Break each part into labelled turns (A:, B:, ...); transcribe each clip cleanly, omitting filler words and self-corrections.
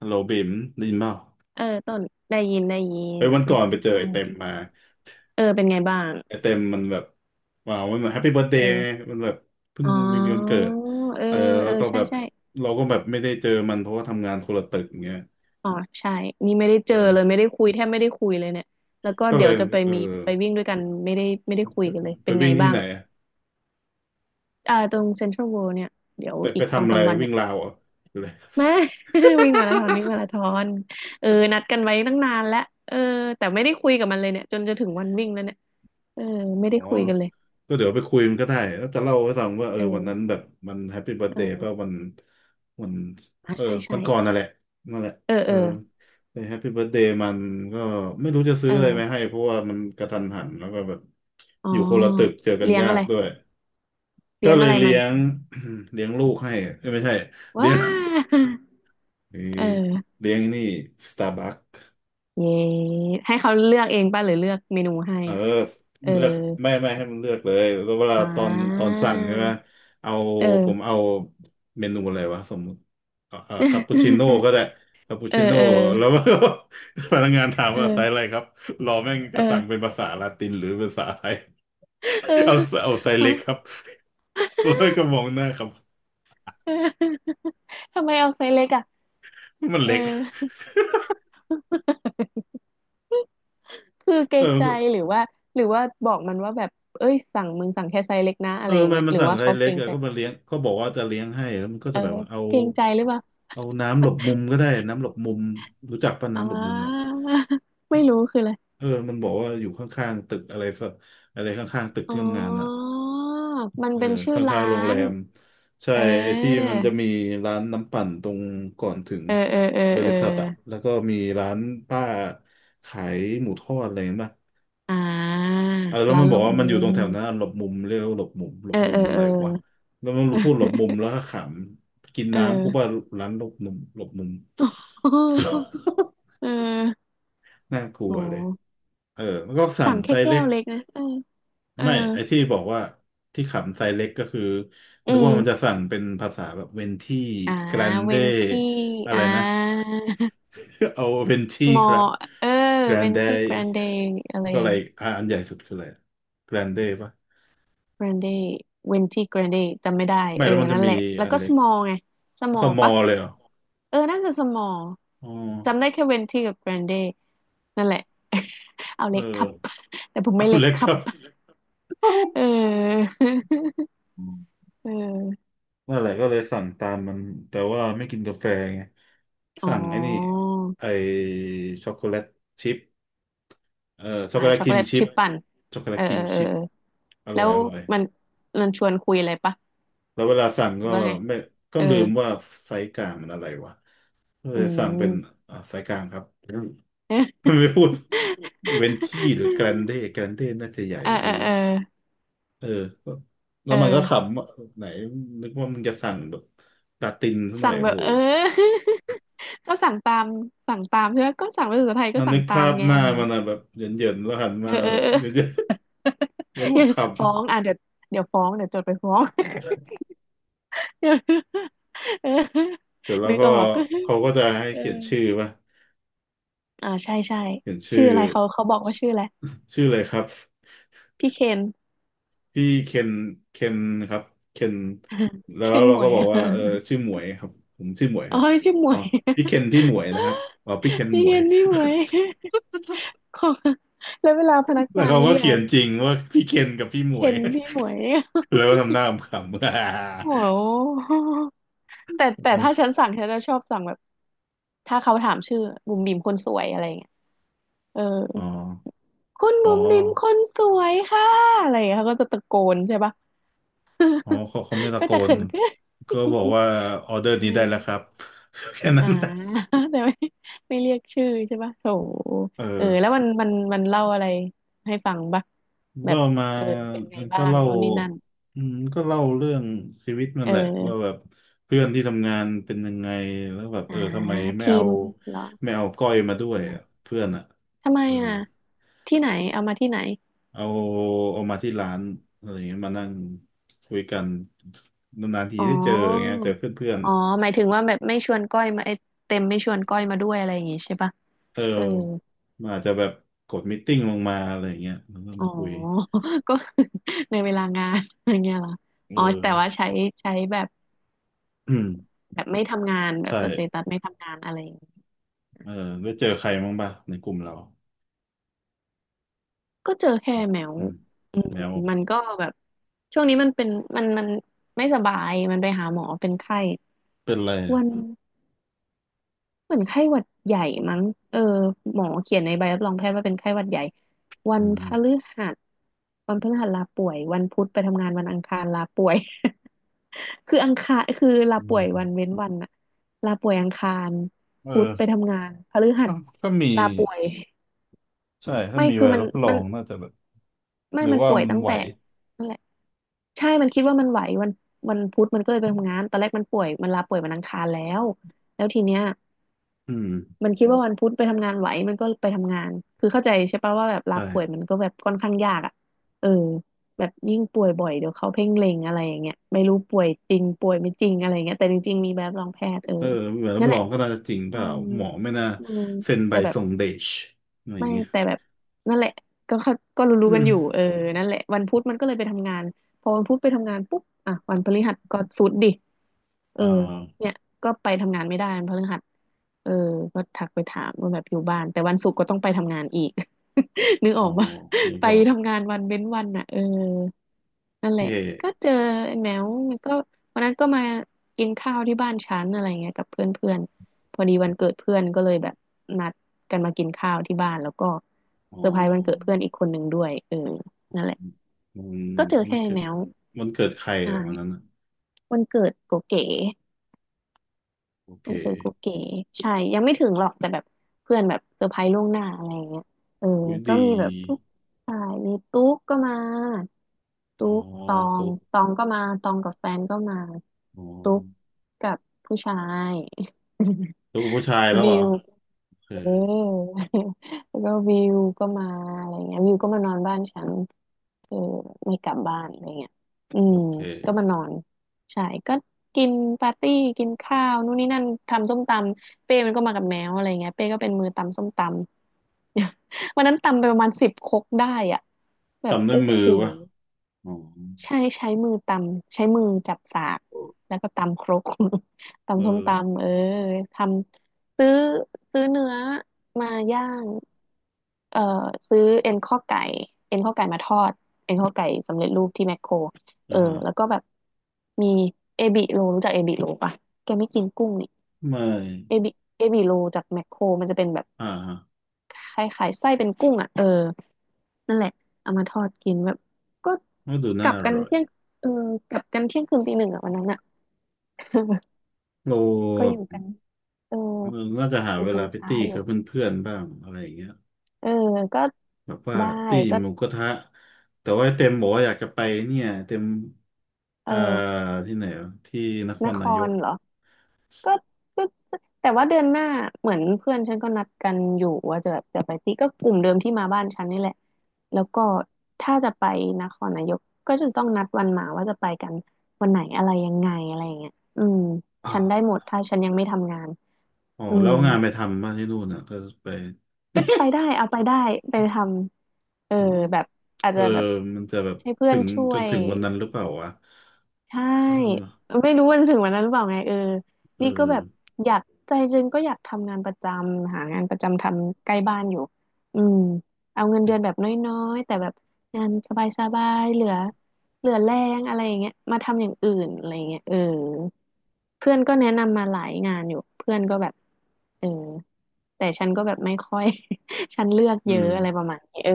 A: ฮัลโหลบิมได้ยินเปล่า
B: เออต้นได้ยินได้ยิ
A: ไป
B: น
A: วันก่อนไปเจอไอ
B: ว่าไง
A: เต็มมา
B: เออเป็นไงบ้าง
A: ไอเต็มมันแบบว้าวมันแฮปปี้เบิร์ธเดย์ไง
B: เออ
A: มันแบบเพิ่ง
B: อ๋อ
A: มีวันเกิด
B: เออ
A: เออ
B: เอ
A: แล้
B: อ
A: วก็
B: ใช่
A: แบบ
B: ใช่
A: เราก็แบบไม่ได้เจอมันเพราะว่าทำงานคนละตึกอย่างเงี้ย
B: อ๋อ ใช่ นี่ไม่ได้
A: เอ
B: เจอเลย
A: อ
B: ไม่ได้คุยแทบไม่ได้คุยเลยเนี่ยแล้วก็
A: ก็
B: เดี๋
A: เล
B: ย
A: ย
B: วจะไป
A: เออ
B: มีไปวิ่งด้วยกันไม่ได้คุ
A: ไป
B: ยกันเลย
A: ไป
B: เป็นไง
A: วิ่งที่
B: บ้าง
A: ไหนอะ
B: ตรงเซ็นทรัลเวิลด์เนี่ยเดี๋ยว
A: ไป
B: อี
A: ไป
B: กสอ
A: ทำ
B: ง
A: อะ
B: สา
A: ไร
B: มวัน
A: วิ่
B: เนี่
A: ง
B: ย
A: ราวเหรอ่ะ หรืออะไร
B: มา วิ่งมาราธอนวิ่งมาราธอนเออนัดกันไว้ตั้งนานแล้วเออแต่ไม่ได้คุยกับมันเลยเนี่ยจนจะถึงวันวิ่งแล้วเนี่ยเออไม่
A: อ๋อ
B: ได้คุยกันเลย
A: ก็เดี๋ยวไปคุยมันก็ได้ แล้วจะเล่าให้ฟังว่าเออ
B: เอ
A: วันนั้น
B: อ
A: แบบมันแฮปปี้เบิร์ a เดย์
B: เออ
A: ป่ะวัน
B: อ่ะ
A: เออ
B: ใช่
A: วั
B: ใช่
A: นก่อนนั่นแหละนั่นแหละ
B: เออ
A: เอ
B: เอ
A: อ
B: อ
A: ไปแฮปปี้เบิร์ a เดย์มันก็ไม่รู้จะซื้ออะไรมา
B: เออ
A: ให้เพราะว่ามันกระทันหันแล้วก็แบบ
B: อ๋อ
A: อยู่คนละตึกเจอกัน
B: เลี้ยง
A: ยา
B: อะ
A: ก
B: ไร
A: ด้วยก็
B: เลี้ยง
A: เล
B: อะ
A: ย
B: ไรมั
A: เลี้
B: น
A: ยง เลี้ยงลูกให้เอ้ยไม่ใช่เลี้
B: ว้า
A: ยง เ
B: เออ
A: เลี้ยงนี่สตาร์บัค
B: เย้ให้เขาเลือกเองป่ะหรือเลือกเมนูให้
A: เออ
B: เออ
A: เลือกไม่ให้มันเลือกเลยแล้วเวลา
B: อ่
A: ตอน
B: า
A: สั่งใช่ไหมเอา
B: เอ
A: ผม
B: อ
A: เอาเมนูอะไรวะสมมติคาปูชิโน่ ก็ได้คาปู
B: เออ
A: ชิโน่
B: เออ
A: แล้ว พนักงานถามว่าไซส์
B: เออ
A: อะไรครับรอแม่งก
B: เอ
A: ระสั่ง
B: อ
A: เป็นภาษาลาตินหรือภาษาไทย
B: เออ
A: เอาเอาไซส์
B: เอา
A: เล็กค รับแล้วก็มองหน้าครับ
B: เออทำไมเอาไซส์เล็กอ่ะ
A: มัน
B: เออ
A: เล็ก
B: คือเกร
A: เออ
B: งใจ
A: ก็
B: หรือว่าหรือว่าบอกมันว่าแบบเอ้ยสั่งแค่ไซส์เล็กนะ
A: เอ
B: อะ
A: อ
B: ไรอย่าง
A: มัน
B: เงี้ย
A: มัน
B: หรือ
A: สั่ง
B: ว่า
A: ไซ
B: เขา
A: ส์เล็
B: เกร
A: ก
B: ง
A: อะ
B: ใจ
A: ก็มาเลี้ยงเขาบอกว่าจะเลี้ยงให้แล้วมันก็
B: เอ
A: จะ
B: อ
A: แบบว่าเอา
B: เกรงใจหรือเปล่า
A: เอาน้ำหลบมุมก็ได้น้ำหลบมุมรู้จักป่ะ
B: อ่า
A: น้ำหลบมุมอ่ะ
B: ไม่รู้คืออะไร
A: เออมันบอกว่าอยู่ข้างๆตึกอะไรสักอะไรข้างๆตึก
B: อ๋
A: ที่ทำงานอ่ะ
B: อมัน
A: เออ
B: เป็นชื่
A: ข
B: อร้า
A: ้างๆโรงแร
B: น
A: ม ใช่
B: เออ
A: ไอ้ที่มันจะมีร้านน้ำปั่นตรงก่อนถึง
B: เออเออเออ
A: บ
B: เอ
A: ริ
B: อ
A: ษัทอ่ะแล้วก็มีร้านป้าขายหมูทอดอะไรอย่างเงี้ยป่ะ
B: อ่า
A: เออแล้ว
B: ร้า
A: มั
B: น
A: นบ
B: ลู
A: อก
B: ก
A: ว่ามั
B: มุ
A: นอยู่ตร
B: ม
A: งแถวนั้นอะหลบมุมเรียกว่าหลบมุมหล
B: เอ
A: บ
B: อ
A: มุ
B: เอ
A: ม
B: อ
A: มันอะ
B: เออ
A: ไรวะแล้วมันพูดหลบมุมแล้ว ก็ขำกิน
B: เออ
A: น้ำกูว่าร้านหลบมุมหลบมุม
B: เอ อ
A: น่ากลั
B: โอ
A: วเลย
B: ้
A: เออแล้วก็สั่ง
B: สั่ง
A: ไซ
B: แค่
A: ส์เล็
B: แก้ว
A: ก
B: เล็กนะเออเออ
A: ไม่ไอ้ที่บอกว่าที่ขำไซเล็กก็คือ
B: อื
A: นึกว่ามันจะ
B: ม
A: สั่งเป็นภาษาแบบเวนที่
B: อ่า
A: แกรน
B: เว
A: เด
B: นที่
A: อะไร
B: อ่า
A: นะ เอาเวนที่
B: มอ
A: ครับ
B: เออ
A: แกร
B: เว
A: น
B: น
A: เด
B: ที่แกรนเดย์อะไร
A: แล้วก็
B: อ
A: อะ
B: ย่า
A: ไร
B: ง
A: อะอันใหญ่สุดคืออะไรแกรนเดป่ะ
B: แกรนเดเวนตี้แกรนเดจำไม่ได้
A: ไม่
B: เออ
A: แล้วมันจะ
B: นั่นแห
A: มี
B: ละแล้ว
A: อัน
B: ก็
A: เล็
B: ส
A: ก
B: มอลไงสมอ
A: ส
B: ล
A: มอ
B: ปะ
A: ลเลยเหรอ
B: เออน่าจะสมอล
A: อ๋อ
B: จำได้แค่เวนตีกับแกรนเดนั่นแหละ เอา
A: เอ
B: เล็กค
A: อ
B: รับ แต่ผมไม่
A: เอา
B: เล็ก
A: เล็ก
B: ค
A: ค
B: รับ
A: รับ
B: เออ
A: อืม
B: เออ
A: นั่นแหละก็เลยสั่งตามมันแต่ว่าไม่กินกาแฟไง
B: อ๋
A: สั่งไอ้นี่
B: อ
A: ไอช็อกโกแลตชิพ เออช็อกโกแลต
B: ช็อ
A: ค
B: ก
A: รี
B: โก
A: ม
B: แลต
A: ชิพ
B: ชิปปั่น
A: ช็อกโกแล
B: เอ
A: ต
B: อ
A: ครี
B: เออ
A: ม
B: เออ
A: ชิพ
B: เออ
A: อ
B: แล้
A: ร่อ
B: ว
A: ยอร่อย
B: มันมันชวนคุยอะไรปะ
A: แล้วเวลาสั่ง
B: หรื
A: ก็
B: อว่าไง
A: ไม่ก็
B: เออ
A: ลืมว่าไซส์กลางมันอะไรวะก็เล
B: อื
A: ยสั่งเป็น
B: ม
A: ไซส์กลางครับอื มไม่พูดเวนที่หรือแกรนเดแกรนเดน่าจะใหญ่
B: เออ
A: ห
B: เอ
A: รื
B: อ
A: อ
B: เออ
A: เออก็แล้
B: เอ
A: วมันก็
B: อ
A: ขำว่าไหนนึกว่ามึงจะสั่งแบบลาตินซะหน่อ
B: สั่
A: ย
B: งแบบ
A: โห
B: ก็สั่งตามใช่ไหมก็สั่งเป็นภาษาไทยก็
A: อ่ะนึ
B: สั่ง
A: ก
B: ตา
A: ภา
B: ม
A: พ
B: ไง
A: หน้า
B: อะไร
A: มั
B: เงี้
A: น
B: ย
A: อะแบบเหยินๆแล้วหัน
B: เอ
A: มา
B: อเออ
A: แบบ
B: เออ
A: เหยินๆแล้ว ก็
B: อย่า
A: ขำ
B: ฟ้องอ่ะเดี๋ยวฟ้องเดี๋ยวจดไปฟ้อง เ
A: เสร็จแล้ว
B: ดี๋ยวเออ
A: ก็
B: นึกออก
A: เขาก็จะให้
B: เออ
A: เขียนชื่อป่ะ
B: อ่าใช่ใช่
A: เขียนชื่
B: ชื่
A: อ
B: ออะไรเขาบอกว่าชื่ออะไร
A: ชื่อเลยครับ
B: พี่เคน
A: พี่เคนเคนครับเคน แล้ว
B: เคน
A: เรา
B: หม
A: ก็
B: วย
A: บ อก
B: อะ
A: ว่าเออชื่อหมวยครับผมชื่อหมวยค
B: อ๋อ
A: รับ
B: ชื่อหม
A: อ๋
B: ว
A: อ
B: ย
A: พี่เค นที่หมวยนะครับอ๋อพี่เคน
B: พี่
A: หม
B: เค
A: วย
B: นพี่หมวย ของแล้วเวลาพนัก
A: แล้ว
B: งาน
A: เขาก็
B: เรีย
A: เขีย
B: ก
A: นจริงว่าพี่เคนกับพี่หม
B: เค
A: วย
B: นพี่หมวย
A: แล้วก็ทำหน้า ขำๆ
B: โอ้โห แต่
A: เอ้ย
B: ถ้าฉันสั่งฉันจะชอบสั่งแบบถ้าเขาถามชื่อบุ๋มบิ๋มคนสวยอะไรเงี้ยเออ
A: อ๋อ
B: คุณ
A: อ๋อ
B: บุ๋มบิ๋มคนสวยค่ะอะไรเงี้ยเขาก็จะตะโกนใช่ปะ
A: อ๋อเขาไม่ ตะ
B: ก็
A: โก
B: จะ
A: น
B: เขินเกิน
A: ก็บอก ว่าออเดอ
B: เอ
A: ร์
B: อ
A: นี้ได้แล้วครับ แค่นั้
B: อ่า
A: น
B: แต่ไม่ไม่เรียกชื่อใช่ปะโถ
A: เอ
B: เออแล้ว
A: อ
B: มันเล่าอะไรให้ฟังปะแบ
A: ก็
B: บ
A: มา
B: เออเป็นไง
A: ก็
B: บ้าง
A: เล่า
B: นู่นนี่นั่น
A: อืมก็เล่าเรื่องชีวิตมัน
B: เอ
A: แหละว่า
B: อ
A: แบบเพื่อนที่ทำงานเป็นยังไงแล้วแบบเอ
B: อ่า
A: อทำไมไม่
B: ที
A: เอา
B: มเหรอ
A: ไม่เอาก้อยมาด้วย
B: เหรอ
A: อะเพื่อนอ่ะ
B: ทำไม
A: เออ
B: อ่ะที่ไหนเอามาที่ไหน
A: เอาเอามาที่ร้านอะไรอย่างเงี้ยมานั่งคุยกันนานๆที
B: อ๋
A: ได้เจออย่างเงี้
B: อ
A: ยเจอเพื่อน
B: อ๋อหมายถึงว่าแบบไม่ชวนก้อยมาไอ้เต็มไม่ชวนก้อยมาด้วยอะไรอย่างงี้ใช่ปะ
A: ๆเออ
B: เออ
A: มันอาจจะแบบกดมิทติ้งลงมาอะไรอย่างเงี้ยแล้วก็
B: อ๋อ
A: มาคุย
B: ก็คือในเวลางาน อย่างเงี้ยเหรอ
A: เอ
B: อ๋อ
A: อ
B: แต่ว่าใช้แบบ
A: อืม
B: แบบไม่ทำงานแบบ
A: ใช่
B: สเตตัสไม่ทำงานอะไรอย่างงี้
A: เออได้เจอใครบ้างป่ะในกลุ่มเรา
B: ก็เจอแค่แมว
A: อืม
B: อืม
A: แมว
B: มันก็แบบช่วงนี้มันเป็นมันไม่สบายมันไปหาหมอเป็นไข้
A: เป็นอะไรอ่ะ
B: วัน เหมือนไข้หวัดใหญ่มั้งเออหมอเขียนในใบรับรองแพทย์ว่าเป็นไข้หวัดใหญ่วั
A: อื
B: นพฤ
A: ม
B: หัสวันพฤหัสลาป่วยวันพุธไปทำงานวันอังคารลาป่วย คืออังคารคือลา
A: ทำ
B: ป่วย
A: งาน
B: วันเว้นวันอะลาป่วยอังคาร
A: เอ
B: พุธไป
A: อ
B: ทำงานพฤหัส
A: ถ้าถ้ามี
B: ลาป่วย
A: ใช่ ถ้า
B: ไม่
A: มี
B: คื
A: ใบ
B: อมัน
A: รับรอ
B: มัน
A: งน่าจะแบบ
B: ไม่
A: หรือ
B: มัน
A: ว่า
B: ป่วย
A: มัน
B: ตั้ง
A: ไหว
B: แต่นั่นแหละใช่ มันคิดว่ามันไหววันพุธมันก็เลยไปทำงานตอนแรกมันป่วยมันลาป่วยวันอังคารแล้วแล้วทีเนี้ย
A: อืม
B: มันคิดว่าวันพุธไปทำงานไหวมันก็ไปทำงานคือเข้าใจใช่ปะว่าแบบลาป่วยมั
A: ใช่
B: นก็แบบค่อนข้างยากอ่ะเออแบบยิ่งป่วยบ่อยเดี๋ยวเขาเพ่งเล็งอะไรอย่างเงี้ยไม่รู้ป่วยจริงป่วยไม่จริงอะไรอย่างเงี้ยแต่จริงๆมีแบบรองแพทย์เออ
A: เออใบรับ
B: นั่น
A: ร
B: แห
A: อ
B: ละ
A: งก็น่าจะจริงเป
B: อื
A: ล่า
B: ม
A: หมอไม่น่า
B: อืม
A: เซ็นใบ
B: แต่แบบ
A: ส่งเดชอะไรอย่า
B: ไม่
A: งเงี้ย
B: แต่แบบนั่นแหละก็เข้าก็รู้ๆ
A: อื
B: กันอยู่
A: ม
B: เออนั่นแหละวันพุธมันก็เลยไปทำงานพอวันพุธไปทำงานปุ๊บอ่ะวันพฤหัสก็สุดดิเอ
A: อ่
B: อ
A: า
B: เนี่ยก็ไปทำงานไม่ได้วันพฤหัสเออก็ทักไปถามว่าแบบอยู่บ้านแต่วันศุกร์ก็ต้องไปทำงานอีก นึก
A: อ๋
B: อ
A: อ
B: อกปะ
A: อันนี่
B: ไป
A: ก็
B: ทำงานวันเว้นวันอ่ะเออ นั่นแหละ
A: เย่
B: ก็เจอไอ้แมวมันก็วันนั้นก็มากินข้าวที่บ้านฉันอะไรเงี้ยกับเพื่อนเพื่อนพอดีวันเกิดเพื่อนก็เลยแบบนัดกันมากินข้าวที่บ้านแล้วก็
A: อ๋
B: เซอร์ไพรส์วันเกิด
A: อ
B: เพื่อนอีกคนหนึ่งด้วยเออนั่นแหละ
A: มัน
B: ก็เจอ
A: มัน
B: แค่ไอ้
A: เกิด
B: แมว
A: มันเกิดใครอ่ะวันนั้น
B: ใช่
A: อ่ะ
B: วันเกิดโกเก๋
A: โอ
B: เอ
A: เค
B: อกุ๊กเก๋ใช่ยังไม่ถึงหรอกแต่แบบเพื่อนแบบเซอร์ไพรส์ล่วงหน้าอะไรอย่างเงี้ยเออ
A: วิ
B: ก็
A: ดี
B: มีแบบพวกใช่มีตุ๊กก็มา
A: อ๋อ
B: ตุ๊กตอง
A: ตุ๊ก
B: ตองก็มาตองกับแฟนก็มา
A: อ๋อ
B: ตุ๊กกับผู้ชาย
A: ตุ๊กผู้ชายแล้ ว
B: วิ
A: เหรอ
B: ว
A: เอ
B: เอ
A: อ
B: อ แล้วก็วิวก็มาอะไรเงี้ยวิวก็มานอนบ้านฉันคือไม่กลับบ้านอะไรเงี้ยอื
A: โอ
B: ม
A: เค
B: ก็มานอนใช่ก็กินปาร์ตี้กินข้าวนู่นนี่นั่นทำส้มตำเป้มันก็มากับแมวอะไรเงี้ยเป้ก็เป็นมือตำส้มตำ วันนั้นตำไปประมาณ10ครกได้อ่ะแบบ
A: ทำด้วย
B: โอ้
A: มื
B: โห
A: อวะอ๋อ
B: ใช่ใช้มือตำใช้มือจับสากแล้วก็ตำครก
A: เอ
B: ตำส้ม
A: อ
B: ตำเออทำซื้อซื้อเนื้อมาย่างเอ่อซื้อเอ็นข้อไก่เอ็นข้อไก่มาทอดเอ็นข้อไก่สำเร็จรูปที่แมคโครเอ
A: อ่า
B: อ
A: ฮะ
B: แล้วก็แบบมีเอบิโลรู้จักเอบิโลปะแกไม่กินกุ้งนี่
A: ไม่
B: เอบิเอบิโลจากแมคโครมันจะเป็นแบบ
A: อ่าฮะ
B: คล้ายๆไส้เป็นกุ้งอ่ะเออนั่นแหละเอามาทอดกินแบบก็
A: ก็ดู
B: ก
A: น่า
B: ลับ
A: อ
B: กัน
A: ร่อย
B: เที่ยงเออกลับกันเที่ยงคืนตี1อ่ะวันนั้นอ่ะ
A: เรา
B: ก็
A: แบ
B: อยู่กั
A: บ
B: นเออ
A: เออน่าจะหา
B: อยู่
A: เว
B: กั
A: ลา
B: น
A: ไป
B: ช้า
A: ตี้
B: อยู่
A: กับเพื่อนๆบ้างอะไรอย่างเงี้ย
B: เออก็
A: แบบว่า
B: ได้
A: ตี้
B: ก็
A: หมูกระทะ แต่ว่าเต็มบอกว่าอยากจะไปเนี่ยเต็ม
B: เอ
A: อ่า
B: อ
A: ที่ไหนวะที่นค
B: น
A: ร
B: ค
A: นาย
B: ร
A: ก
B: เหรอ ก็ก็แต่ว่าเดือนหน้าเหมือนเพื่อนฉันก็นัดกันอยู่ว่าจะแบบจะไปที่ก็กลุ่มเดิมที่มาบ้านฉันนี่แหละแล้วก็ถ้าจะไปนครนายกก็จะต้องนัดวันมาว่าจะไปกันวันไหนอะไรยังไงอะไรอย่างเงี้ยอืม
A: อ๋อ
B: ฉันได้หมดถ้าฉันยังไม่ทำงาน
A: อ๋อ
B: อื
A: แล้
B: ม
A: วงานไปทำบ้างที่นู่นน่ะก็ไป
B: ก็ไปได้เอาไปได้ไปทำเออ
A: อ๋อ
B: แบบอาจ
A: เออ
B: จะแบบ
A: มันจะแบบ
B: ให้เพื่อ
A: ถึ
B: น
A: ง
B: ช่
A: จ
B: ว
A: น
B: ย
A: ถึงวันนั้นหรือเปล่าวะ
B: ใช
A: เอ
B: ่
A: อ
B: ไม่รู้วันถึงวันนั้นหรือเปล่าไงเออ
A: เอ
B: นี่ก็แบบ
A: อ
B: อยากใจจริงก็อยากทำงานประจำหางานประจำทำใกล้บ้านอยู่อืมเอาเงินเดือนแบบน้อยๆแต่แบบงานสบายๆเหลือเหลือแรงอะไรอย่างเงี้ยมาทำอย่างอื่นอะไรอย่างเงี้ยเออเพื่อนก็แนะนำมาหลายงานอยู่เพื่อนก็แบบเออแต่ฉันก็แบบไม่ค่อย ฉันเลือก
A: อื
B: เย
A: ม
B: อะอะไรประมาณนี้เออ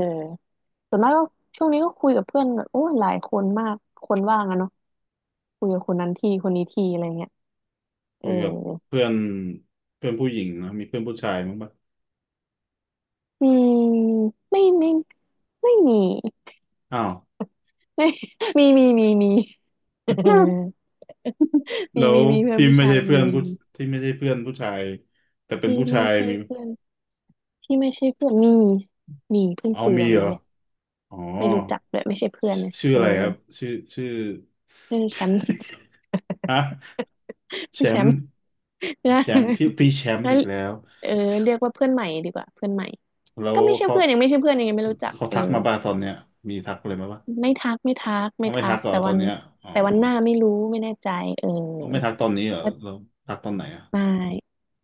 B: ส่วนมากก็ช่วงนี้ก็คุยกับเพื่อนแบบโอ้ยหลายคนมากคนว่างอะเนาะคุยกับคนนั้นทีคนนี้ทีอะไรเงี้ยเอ
A: คุ
B: อ
A: ยกับเพื่อนเพื่อนผู้หญิงนะมีเพื่อนผู้ชายมั้างปะ
B: อืมไม่ไม่ไม่มี
A: อ้าว
B: ไม่มีมีมีมี เอ อมี
A: แล้ว
B: มีมีเพื่อน
A: ที่
B: ผู้
A: ไม่
B: ชา
A: ใช่
B: ย
A: เพื่
B: มี
A: อน
B: มี
A: ผู้
B: มี
A: ที่ไม่ใช่เพื่อนผู้ชายแต่เป็น
B: ที่
A: ผู้ชา
B: ไม่
A: ย
B: ใช่
A: มี
B: เพื่อนที่ไม่ใช่เพื่อนมีมีเพิ่ง
A: เอา
B: คุย
A: มี
B: วัน
A: เหร
B: นี้
A: อ
B: เลย
A: อ๋อ
B: ไม่รู้จักเลยไม่ใช่เพื่
A: ช
B: อนนะ
A: ชื่อ
B: เออ
A: อะไรครับชื่อชื่อ
B: ไม่ใช่แชมป์
A: ฮะ แช
B: ไม่ใช่แช
A: ม
B: ม
A: ป์
B: ป์ นะ
A: แชมป์พี่แชม
B: แล้
A: ป์
B: ว
A: อีกแล้ว
B: เออเรียกว่าเพื่อนใหม่ดีกว่าเพื่อนใหม่
A: แล้
B: ก็
A: ว
B: ไม่ใช่
A: เขา
B: เพื่อนยังไม่ใช่เพื่อนยังไม่รู้จัก
A: เขา
B: เออ
A: ทักมาป่ะตอนเนี้ยมีทักเลยไหมวะ
B: ไม่ทักไม่ทักไม่
A: เอาไม่
B: ทั
A: ทั
B: ก
A: กเหรอ
B: แต่
A: ตอ
B: วั
A: น
B: น
A: เนี้ยอ๋อ
B: แต่วันหน้าไม่รู้ไม่แน่ใจเออ
A: เอาไม่ทักตอนนี้เหรอ
B: ก็
A: แล้วทักตอนไหนอ่ะ
B: ไม่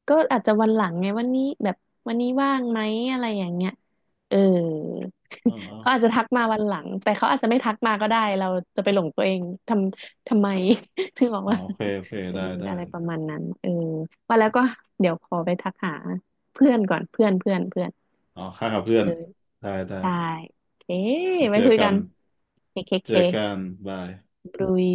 B: ก็อาจจะวันหลังไงวันนี้แบบวันนี้ว่างไหมอะไรอย่างเงี้ยเออ
A: อ๋อ
B: เขาอาจจะทักมาวันหลังแต่เขาอาจจะไม่ทักมาก็ได้เราจะไปหลงตัวเองทำทำไม ถึงบอก
A: อ๋อ
B: ว่า
A: โอเคโอเค
B: เออ
A: ได้ได้
B: อะไรประมาณนั้นเออว่าแล้วก็เดี๋ยวขอไปทักหาเพื่อนก่อนเพื่อนเพื่อนเพื่อน
A: อ๋อค่ากับเพื่อ
B: เอ
A: น
B: อ
A: ได้ ได้
B: ได้เอ๊ะ
A: ไว้
B: ไว้
A: เจอ
B: คุย
A: กั
B: กั
A: น
B: นเคเค
A: เจ
B: เค
A: อกันบาย
B: บรุย